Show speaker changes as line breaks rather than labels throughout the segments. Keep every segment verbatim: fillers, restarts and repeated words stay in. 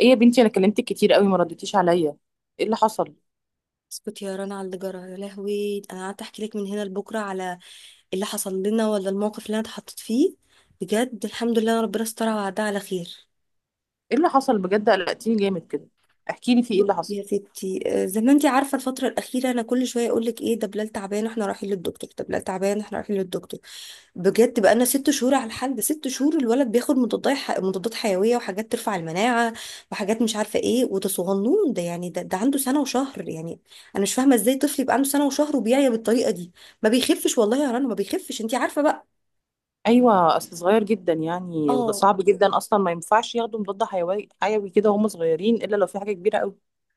ايه يا بنتي، انا كلمتك كتير قوي ما ردتيش عليا. ايه اللي حصل؟
اسكت يا رنا على اللي جرى. يا لهوي، انا قعدت احكي لك من هنا لبكره على اللي حصل لنا ولا الموقف اللي انا اتحطيت فيه. بجد الحمد لله، ربنا استر وعدها على خير.
ايه اللي حصل بجد؟ قلقتيني جامد كده، احكي لي في ايه
بصي
اللي حصل.
يا ستي، آه، زي ما انت عارفه الفتره الاخيره انا كل شويه اقول لك ايه ده، بلال تعبان احنا رايحين للدكتور، ده بلال تعبان احنا رايحين للدكتور. بجد بقى لنا ست شهور على الحال ده. ست شهور الولد بياخد مضادات ح- مضادات حيويه وحاجات ترفع المناعه وحاجات مش عارفه ايه. وده صغنون ده، يعني ده, ده عنده سنه وشهر يعني. انا مش فاهمه ازاي طفل يبقى عنده سنه وشهر وبيعيا بالطريقه دي. ما بيخفش والله يا رنا، ما بيخفش، انت عارفه بقى.
ايوه، اصل صغير جدا يعني،
اه.
صعب جدا اصلا ما ينفعش ياخدوا مضاد حيوي حيوي كده وهم صغيرين الا لو في حاجه كبيره قوي.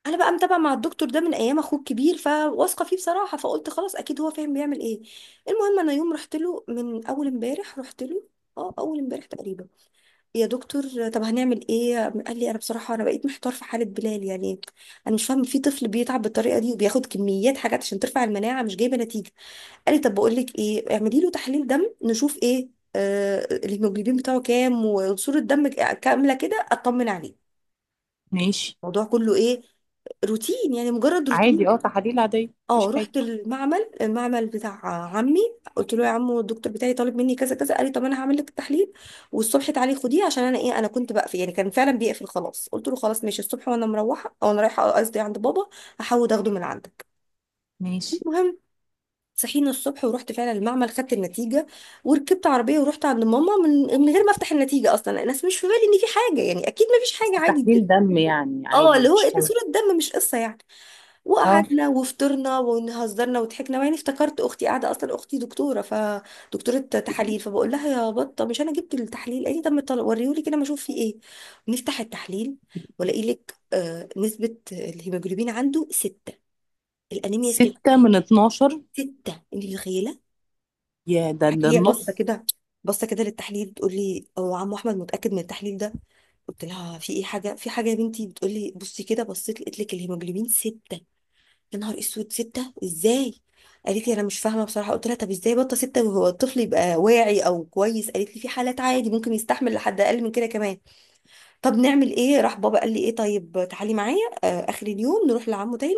انا بقى متابعه مع الدكتور ده من ايام اخوه الكبير، فواثقه فيه بصراحه، فقلت خلاص اكيد هو فاهم بيعمل ايه. المهم انا يوم رحت له من اول امبارح رحت له، اه اول امبارح تقريبا. يا دكتور، طب هنعمل ايه؟ قال لي انا بصراحه انا بقيت محتار في حاله بلال يعني. انا مش فاهم في طفل بيتعب بالطريقه دي وبياخد كميات حاجات عشان ترفع المناعه مش جايبه نتيجه. قال لي طب بقول لك ايه، اعملي له تحليل دم نشوف ايه آه الهيموجلوبين بتاعه كام، وصوره الدم كامله كده اطمن عليه.
ماشي.
الموضوع كله ايه؟ روتين يعني، مجرد روتين.
عادي، اه تحاليل عاديه
اه
مفيش حاجه.
رحت المعمل، المعمل بتاع عمي. قلت له يا عمو، الدكتور بتاعي طالب مني كذا كذا. قال لي طب انا هعمل لك التحليل والصبح تعالي خديه، عشان انا ايه انا كنت بقفل. يعني كان فعلا بيقفل خلاص. قلت له خلاص ماشي، الصبح وانا مروحه او انا رايحه قصدي عند بابا هحاول اخده من عندك.
ماشي.
المهم صحينا الصبح ورحت فعلا المعمل خدت النتيجه، وركبت عربيه ورحت عند ماما من من غير ما افتح النتيجه اصلا. الناس مش في بالي ان في حاجه، يعني اكيد ما فيش
بس
حاجه عادي.
تحليل دم يعني
اه
عادي
اللي هو
مفيش
إيه ده،
حاجه.
صوره دم مش قصه يعني.
اه.
وقعدنا وفطرنا وهزرنا وضحكنا، وبعدين افتكرت اختي قاعده، اصلا اختي دكتوره، فدكتوره تحاليل، فبقول لها يا بطه مش انا جبت التحليل؟ قالي طب طل- وريهولي كده ما اشوف فيه ايه. نفتح التحليل، والاقي لك آه نسبه الهيموجلوبين عنده سته. الانيميا سته.
ستة من اتناشر؟
سته، انت متخيله؟
يا، ده ده
هي باصه
النص.
كده، باصه كده للتحليل، بتقول لي هو عمو احمد متاكد من التحليل ده؟ قلت لها في ايه، حاجه في حاجه؟ يا بنتي بتقول لي بصي كده، بصيت لقيت لك الهيموجلوبين سته. يا نهار اسود، ستة ازاي؟ قالت لي انا مش فاهمه بصراحه. قلت لها طب ازاي بطه ستة وهو الطفل يبقى واعي او كويس؟ قالت لي في حالات عادي ممكن يستحمل لحد اقل من كده كمان. طب نعمل ايه؟ راح بابا قال لي ايه، طيب تعالي معايا آه اخر اليوم نروح لعمه تاني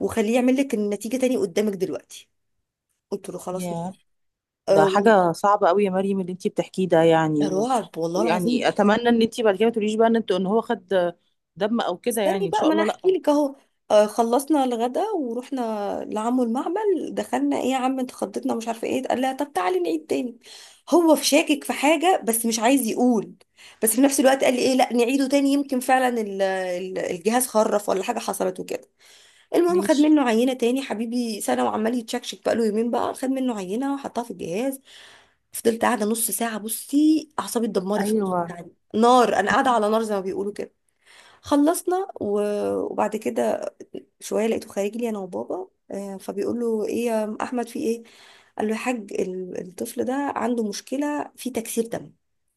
وخليه يعمل لك النتيجه تاني قدامك دلوقتي. قلت له خلاص.
يا،
آه
ده
وال-
حاجة صعبة قوي يا مريم اللي انتي بتحكيه ده، يعني
ده
و...
رعب والله
ويعني
العظيم.
اتمنى ان انتي بعد كده ما تقوليش بقى ان انت، ان هو خد دم او كده، يعني
استني
ان
بقى
شاء
ما انا
الله
احكي
لا.
لك اهو. آه، خلصنا الغدا ورحنا لعمو المعمل. دخلنا. ايه يا عم انت خضتنا مش عارفه ايه؟ قال لها طب تعالي نعيد تاني. هو في شاكك في حاجه بس مش عايز يقول، بس في نفس الوقت قال لي ايه لا نعيده تاني يمكن فعلا ال- ال- الجهاز خرف ولا حاجه حصلت وكده. المهم خد
ماشي.
منه عينه تاني، حبيبي سنه وعمال يتشكشك بقاله يومين بقى. خد منه عينه وحطها في الجهاز. فضلت قاعده نص ساعه، بصي اعصابي اتدمرت في نص
ايوه.
ساعه دي. نار، انا قاعده على نار زي ما بيقولوا كده. خلصنا و- وبعد كده شويه لقيته خارج لي انا وبابا، آه، فبيقول له ايه يا احمد في ايه؟ قال له يا حاج ال- الطفل ده عنده مشكله في تكسير دم.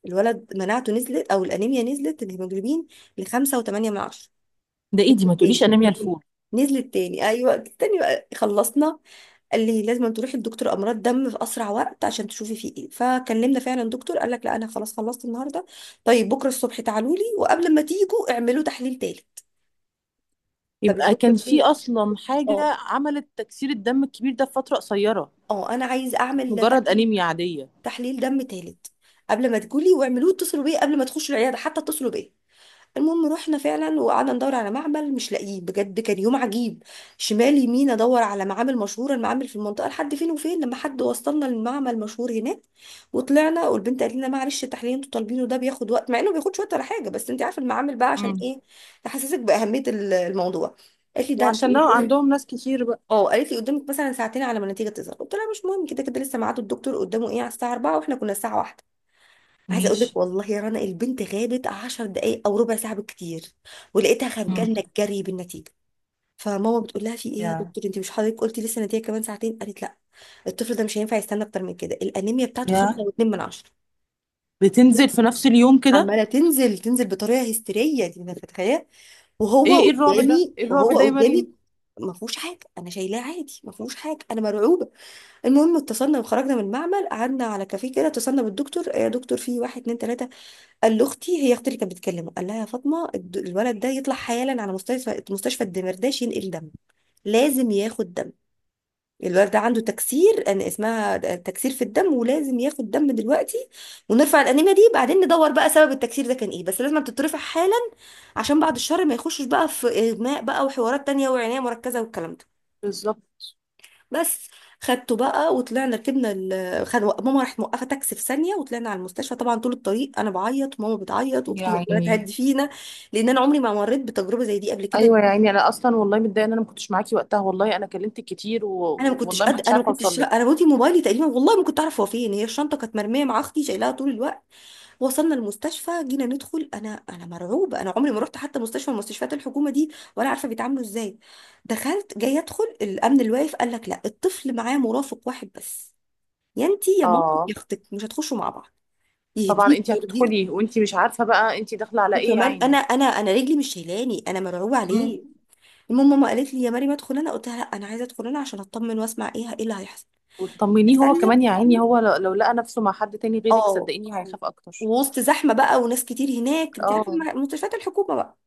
الولد مناعته نزلت او الانيميا نزلت، الهيموجلوبين ل خمسة وثمانية من عشرة
ده ايدي،
من عشرة.
ما تقوليش
تاني،
انيميا الفول.
نزلت تاني، ايوه تاني بقى. خلصنا. قال لي لازم تروحي لدكتور امراض دم في اسرع وقت عشان تشوفي فيه ايه. فكلمنا فعلا دكتور قال لك لا انا خلاص خلصت النهارده، طيب بكره الصبح تعالوا لي، وقبل ما تيجوا اعملوا تحليل تالت. طب يا
يبقى
دكتور
كان في
ليه؟
اصلا حاجة
اه
عملت تكسير الدم الكبير ده في فترة قصيرة،
اه. انا عايز
مش
اعمل
مجرد
تحليل،
انيميا عادية.
تحليل دم تالت. قبل ما تقولي واعملوه اتصلوا بيا، قبل ما تخشوا العياده حتى اتصلوا بيا. المهم رحنا فعلا وقعدنا ندور على معمل مش لاقيه، بجد كان يوم عجيب. شمال يمين ادور على معامل مشهوره، المعامل في المنطقه لحد فين وفين، لما حد وصلنا للمعمل مشهور هناك. وطلعنا والبنت قالت لنا معلش التحليل اللي انتوا طالبينه ده بياخد وقت. مع انه بياخدش وقت ولا حاجه، بس انت عارفه المعامل بقى عشان
مم.
ايه، تحسسك باهميه ال- الموضوع. قالت لي ده انت
وعشان لو عندهم ناس كتير بقى.
اه. قالت لي قدامك مثلا ساعتين على ما النتيجه تظهر. قلت لها مش مهم، كده كده لسه ميعاد الدكتور قدامه ايه على الساعه اربعة واحنا كنا الساعه واحدة. عايزه اقول لك
ماشي.
والله يا رنا البنت غابت عشر دقائق او ربع ساعه بالكتير، ولقيتها خارجه
مم.
لنا الجري بالنتيجه. فماما بتقول لها في ايه يا
يا
دكتور، انت مش حضرتك قلتي لسه النتيجه كمان ساعتين؟ قالت لا، الطفل ده مش هينفع يستنى اكتر من كده، الانيميا بتاعته
يا
خمسة واتنين من عشرة من عشرة.
بتنزل في نفس اليوم كده؟
عماله تنزل، تنزل بطريقه هستيريه دي انا متخيله؟
ايه
وهو
ايه الرعب ده،
قدامي،
ايه الرعب
وهو
ده يا
قدامي.
مريم!
ما فيهوش حاجه، انا شايلاه عادي، ما فيهوش حاجه، انا مرعوبه. المهم اتصلنا وخرجنا من المعمل، قعدنا على كافيه كده، اتصلنا بالدكتور. إيه يا دكتور في واحد اتنين تلاته. قال لاختي، هي اختي اللي كانت بتكلمه، قال لها يا فاطمه الد- الولد ده يطلع حالا على مستشفى، مستشفى الدمرداش، ينقل دم. لازم ياخد دم. الولد ده عنده تكسير، انا اسمها تكسير في الدم، ولازم ياخد دم دلوقتي، ونرفع الانيميا دي. بعدين ندور بقى سبب التكسير ده كان ايه، بس لازم تترفع حالا عشان بعد الشر ما يخشش بقى في اغماء بقى وحوارات تانية وعناية مركزة والكلام ده.
بالظبط،
بس. خدته بقى وطلعنا، ركبنا ال... خد... ماما راحت موقفه تاكسي في ثانيه وطلعنا على المستشفى. طبعا طول الطريق انا بعيط وماما بتعيط واختي عماله
يعني.
تهدي فينا، لان انا عمري ما مريت بتجربه زي دي قبل كده.
ايوه يا عيني، انا اصلا والله متضايقه ان انا ما كنتش معاكي وقتها، والله انا كلمتك كتير و...
انا ما كنتش
والله ما
قد
كنتش
انا ما
عارفه اوصل
كنتش انا
لك.
بودي موبايلي تقريبا، والله ما كنت اعرف هو فين. هي الشنطه كانت مرميه مع اختي شايلاها طول الوقت. وصلنا المستشفى، جينا ندخل، انا انا مرعوبه. انا عمري ما رحت حتى مستشفى من مستشفيات الحكومه دي، ولا عارفه بيتعاملوا ازاي. دخلت جاي ادخل، الامن الواقف قال لك لا، الطفل معاه مرافق واحد بس، يا انتي يا مامتك يا
اه.
اختك، مش هتخشوا مع بعض.
طبعا
يهديك
انت
يرضيك.
هتدخلي وانت مش عارفه بقى انت داخله على ايه يا
وكمان انا
عيني.
انا انا رجلي مش شايلاني، انا مرعوبه
مم.
عليه. المهم ماما قالت لي يا مريم ادخل انا. قلت لها لا، انا عايزه ادخل انا عشان اطمن واسمع ايه ايه اللي هيحصل.
وتطمنيه هو
دخلنا.
كمان يا عيني، هو لو لو لقى نفسه مع حد تاني غيرك
اه.
صدقيني هيخاف اكتر.
ووسط زحمه بقى وناس كتير هناك، انت عارفه
اه.
الم- مستشفيات الحكومه بقى.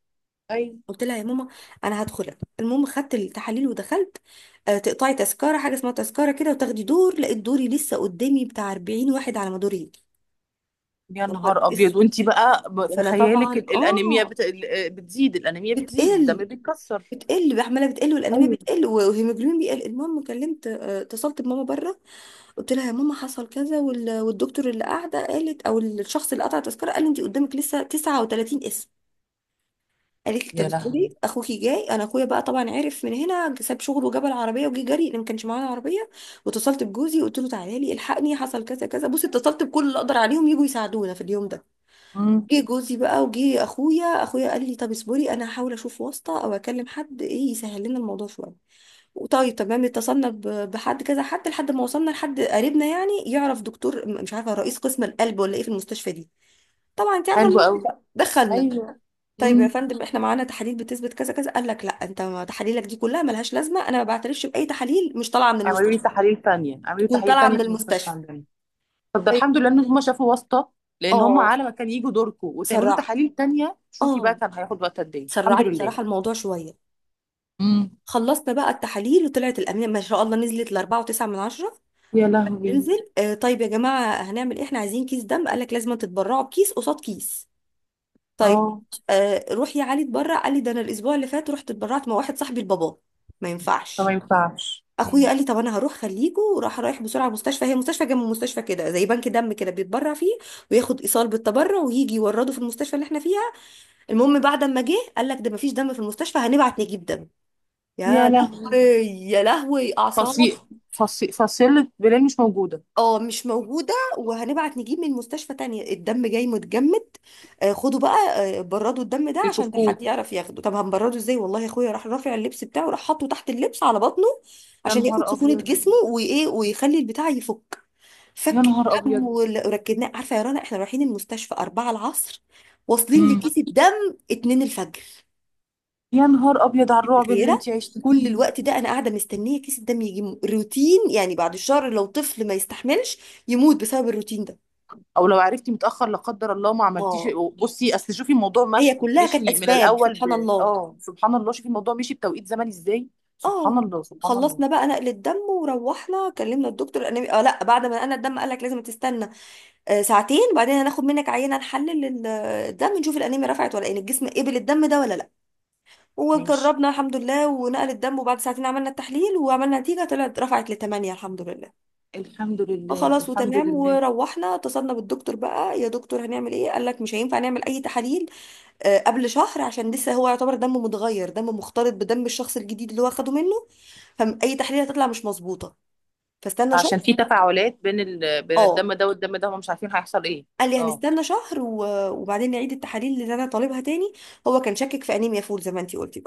ايوه.
قلت لها يا ماما انا هدخل أنا. المهم خدت التحاليل ودخلت. آه، تقطعي تذكره، حاجه اسمها تذكره كده وتاخدي دور. لقيت دوري لسه قدامي بتاع اربعين واحد على ما دوري يجي.
يا
يا نهار
نهار ابيض.
اسود.
وانت بقى ب- في
وانا
خيالك
طبعا
ال- الانيميا
اه
بت... ال- بتزيد، الانيميا بتزيد، الدم
بتقل،
بيتكسر.
بتقل بقى، عماله بتقل، والانيميا
ايوه.
بتقل، والهيموجلوبين بيقل. المهم كلمت آه، اتصلت بماما بره، قلت لها يا ماما حصل كذا، وال- والدكتور اللي قاعده قالت، او الشخص اللي قطع التذكره قال لي انت قدامك لسه تسعة وتلاتين اسم. قالت لي طب
يا
اصبري
لهوي.
اخوكي جاي. انا اخويا بقى طبعا عرف من هنا، ساب شغله وجاب العربيه وجه جري، لان ما كانش معانا عربيه. واتصلت بجوزي قلت له تعالى لي الحقني حصل كذا كذا. بصي اتصلت بكل اللي اقدر عليهم يجوا يساعدونا في اليوم ده.
امم.
جه جوزي بقى، وجه اخويا. اخويا قال لي طب اصبري انا هحاول اشوف واسطه او اكلم حد ايه يسهل لنا الموضوع شويه. طيب تمام. اتصلنا ب- بحد كذا حد، لحد ما وصلنا لحد قريبنا يعني يعرف دكتور، م- مش عارفه رئيس قسم القلب ولا ايه في المستشفى دي. طبعا انت عارفه
حلو
الموقف
قوي.
بقى. دخلنا.
ايوه.
طيب
امم.
يا فندم احنا معانا تحاليل بتثبت كذا كذا. قال لك لا، انت ما تحاليلك دي كلها ملهاش لازمه، انا ما بعترفش باي تحاليل مش طالعه من
اعملوا لي
المستشفى،
تحاليل تانية، اعملوا لي
تكون
تحاليل
طالعه
تانية
من
في المستشفى
المستشفى.
عندنا. فده
طيب.
الحمد لله ان هم شافوا واسطة، لان هم
اه
على ما كان يجوا دوركم وتعملوا
سرع.
تحاليل تانية شوفي
اه
بقى كان هياخد وقت قد ايه.
سرع
الحمد
لي
لله.
بصراحه الموضوع شويه.
امم.
خلصنا بقى التحاليل، وطلعت الامينه ما شاء الله نزلت ل اربعة وتسعة من عشرة من عشرة.
يا لهوي.
تنزل. آه طيب يا جماعه هنعمل ايه؟ احنا عايزين كيس دم. قال لك لازم تتبرعوا بكيس قصاد كيس. طيب.
اه.
آه روح يا علي اتبرع. قال لي ده انا الاسبوع اللي فات رحت اتبرعت مع واحد صاحبي لباباه، ما
فما
ينفعش.
ينفعش.
اخويا
أمم.
قال لي طب انا هروح خليكوا، وراح رايح بسرعه مستشفى، هي مستشفى جنب مستشفى كده زي بنك دم كده بيتبرع فيه، وياخد ايصال بالتبرع ويجي يورده في المستشفى اللي احنا فيها. المهم بعد ما جه قال لك ده مفيش دم في المستشفى، هنبعت نجيب دم.
يا
يا
لهوي.
لهوي، يا لهوي، اعصاب.
فصيل فصيل فصيلة بلال مش موجودة.
اه مش موجودة، وهنبعت نجيب من مستشفى تانية. الدم جاي متجمد، آه، خدوا بقى. آه، بردوا الدم ده عشان ده
بيفكوه.
حد يعرف ياخده. طب هنبرده ازاي؟ والله يا اخويا راح رافع اللبس بتاعه، راح حاطه تحت اللبس على بطنه
يا
عشان ياخد
نهار
سخونة جسمه
أبيض.
وايه ويخلي البتاع يفك.
يا
فك
نهار
الدم
أبيض.
وال- وركدناه. عارفة يا رنا احنا رايحين المستشفى اربعة العصر، واصلين
أمم.
لكيس الدم اتنين الفجر،
يا نهار أبيض على الرعب اللي
بخيرة.
أنت عشتي
كل
فيه.
الوقت ده انا قاعده مستنيه كيس الدم يجي م- روتين يعني. بعد الشهر لو طفل ما يستحملش، يموت بسبب الروتين ده.
او لو عرفتي متاخر لا قدر الله ما عملتيش.
اه.
بصي اصل شوفي الموضوع
هي
مش...
كلها كانت
مشي من
اسباب
الاول،
سبحان
ب...
الله.
اه سبحان الله شوفي الموضوع مشي بتوقيت زمني ازاي. سبحان
اه.
الله، سبحان الله.
خلصنا بقى نقل الدم، وروحنا كلمنا الدكتور. انا اه لا، بعد ما نقلنا الدم قال لك لازم تستنى آه ساعتين، بعدين هناخد منك عينه نحلل ال- الدم، نشوف الانيميا رفعت ولا ايه الجسم قبل الدم ده ولا لا.
ماشي.
وجربنا الحمد لله، ونقل الدم، وبعد ساعتين عملنا التحليل، وعملنا نتيجه، طلعت رفعت لثمانية الحمد لله.
الحمد
آه
لله،
خلاص
الحمد
وتمام.
لله.
وروحنا اتصلنا بالدكتور بقى يا دكتور هنعمل ايه؟ قال لك مش هينفع نعمل اي تحاليل آه، قبل شهر، عشان لسه هو يعتبر دمه متغير، دمه مختلط بدم الشخص الجديد اللي هو اخده منه، فاي تحليل هتطلع مش مظبوطه. فاستنى شهر.
عشان في تفاعلات بين ال... بين
اه.
الدم ده والدم ده، هم مش عارفين هيحصل ايه.
قال لي
اه.
هنستنى شهر و- وبعدين نعيد التحاليل اللي انا طالبها تاني. هو كان شاكك في انيميا فول زي ما انتي قلتي.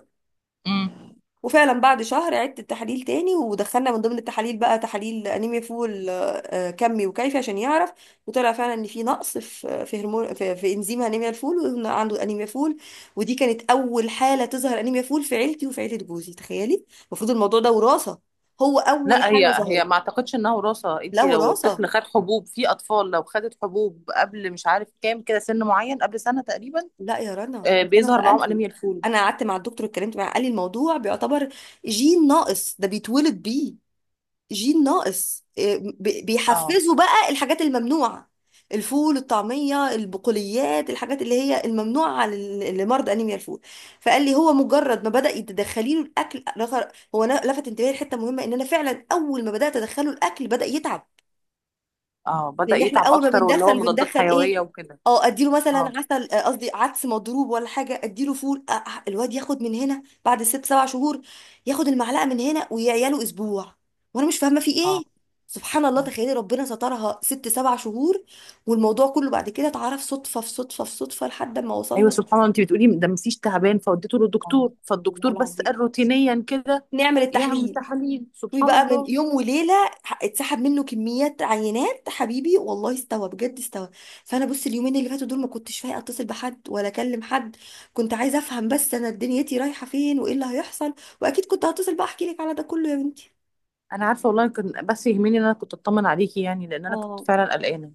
امم.
وفعلا بعد شهر عدت التحاليل تاني، ودخلنا من ضمن التحاليل بقى تحاليل انيميا فول، آه، آه، كمي وكيفي عشان يعرف. وطلع فعلا ان في نقص في في هرمون، في, في انزيم انيميا الفول، وإن عنده انيميا فول. ودي كانت اول حاله تظهر انيميا فول في عيلتي وفي عيله جوزي، تخيلي. المفروض الموضوع ده وراثه، هو اول
لا، هي
حاله
هي
ظهرت.
ما اعتقدش انها وراثه،
لا
انت لو
وراثه.
الطفل خد حبوب، في اطفال لو خدت حبوب قبل مش عارف كام كده سن معين قبل سنه تقريبا
لا يا رنا
آه،
انا
بيظهر معاهم
سالته.
انيميا الفول.
انا قعدت مع الدكتور اتكلمت معاه، قال لي الموضوع بيعتبر جين ناقص ده بيتولد بيه. جين ناقص، إيه، بي-
اه.
بيحفزوا بقى الحاجات الممنوعة، الفول، الطعمية، البقوليات، الحاجات اللي هي الممنوعة على ال- لمرضى أنيميا الفول. فقال لي هو مجرد ما بدأ يتدخلي له الأكل رغ- هو نا- لفت انتباهي لحتة مهمة، إن أنا فعلا أول ما بدأت أدخله الأكل بدأ يتعب.
اه بدأ
لان احنا
يتعب
اول ما
اكتر واللي هو
بندخل
مضادات
بندخل ايه؟
حيوية وكده.
اه اديله
اه.
مثلا عسل، آه، قصدي عدس مضروب ولا حاجه، اديله فول. آه، آه، الواد ياخد من هنا بعد ست سبع شهور، ياخد المعلقه من هنا ويعياله اسبوع، وانا مش فاهمه في
اه.
ايه. سبحان الله،
آه.
تخيلي ربنا سترها ست سبع شهور. والموضوع كله بعد كده اتعرف صدفه في صدفه في صدفه لحد ما
ايوه
وصلنا.
سبحان الله، انت بتقولي ده مفيش تعبان فوديته
والله،
للدكتور،
والله
فالدكتور بس
العظيم.
قال روتينيا كده
نعمل
يعمل
التحليل.
تحاليل،
طوي
سبحان
بقى من
الله.
يوم وليله، ح- اتسحب منه كميات عينات، حبيبي والله استوى بجد استوى. فانا بص اليومين اللي فاتوا دول ما كنتش فايقه اتصل بحد ولا اكلم حد، كنت عايزه افهم بس انا دنيتي رايحه فين وايه اللي هيحصل. واكيد كنت هتصل بقى احكي لك على ده كله يا بنتي.
انا عارفه والله، كان بس يهمني ان انا كنت اطمن عليكي يعني، لان انا كنت
اه.
فعلا قلقانه.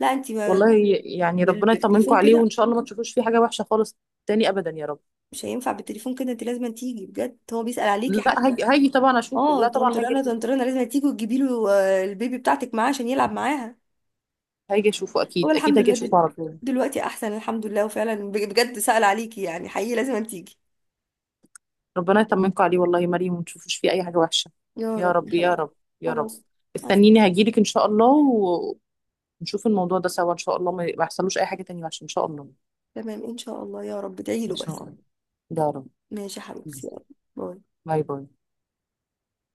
لا انت ما-
والله. يعني
بال-
ربنا يطمنكم
بالتليفون
عليه
كده
وان شاء الله ما تشوفوش فيه حاجه وحشه خالص. تاني ابدا يا رب.
مش هينفع. بالتليفون كده انت لازم تيجي بجد، هو بيسأل عليكي
لا
حتى.
هاجي، هاجي طبعا اشوفه،
اه
لا طبعا هاجي
طنطرانه
اشوفه،
طنطرانه، لازم تيجي وتجيبي له، آه، البيبي بتاعتك معاه عشان يلعب معاها.
هاجي اشوفه
هو
اكيد، اكيد
الحمد
هاجي
لله دل...
اشوفه على طول.
دلوقتي احسن الحمد لله، وفعلا بج- بجد سأل عليكي يعني، حقيقي لازم أن تيجي.
ربنا يطمنكم عليه والله يا مريم، وما تشوفوش فيه اي حاجه وحشه.
يا
يا
رب يا
رب، يا
حبيبي.
رب. يا رب.
خلاص. بس.
استنيني هجيلك ان شاء الله و- ونشوف الموضوع ده سوا ان شاء الله ما ما يحصلوش اي حاجه تانية وحشه ان شاء الله.
تمام ان شاء الله، يا رب ادعي
إن
له
شاء
بس.
الله. يا رب.
ماشي يا حبيبتي، يلا. باي.
باي باي.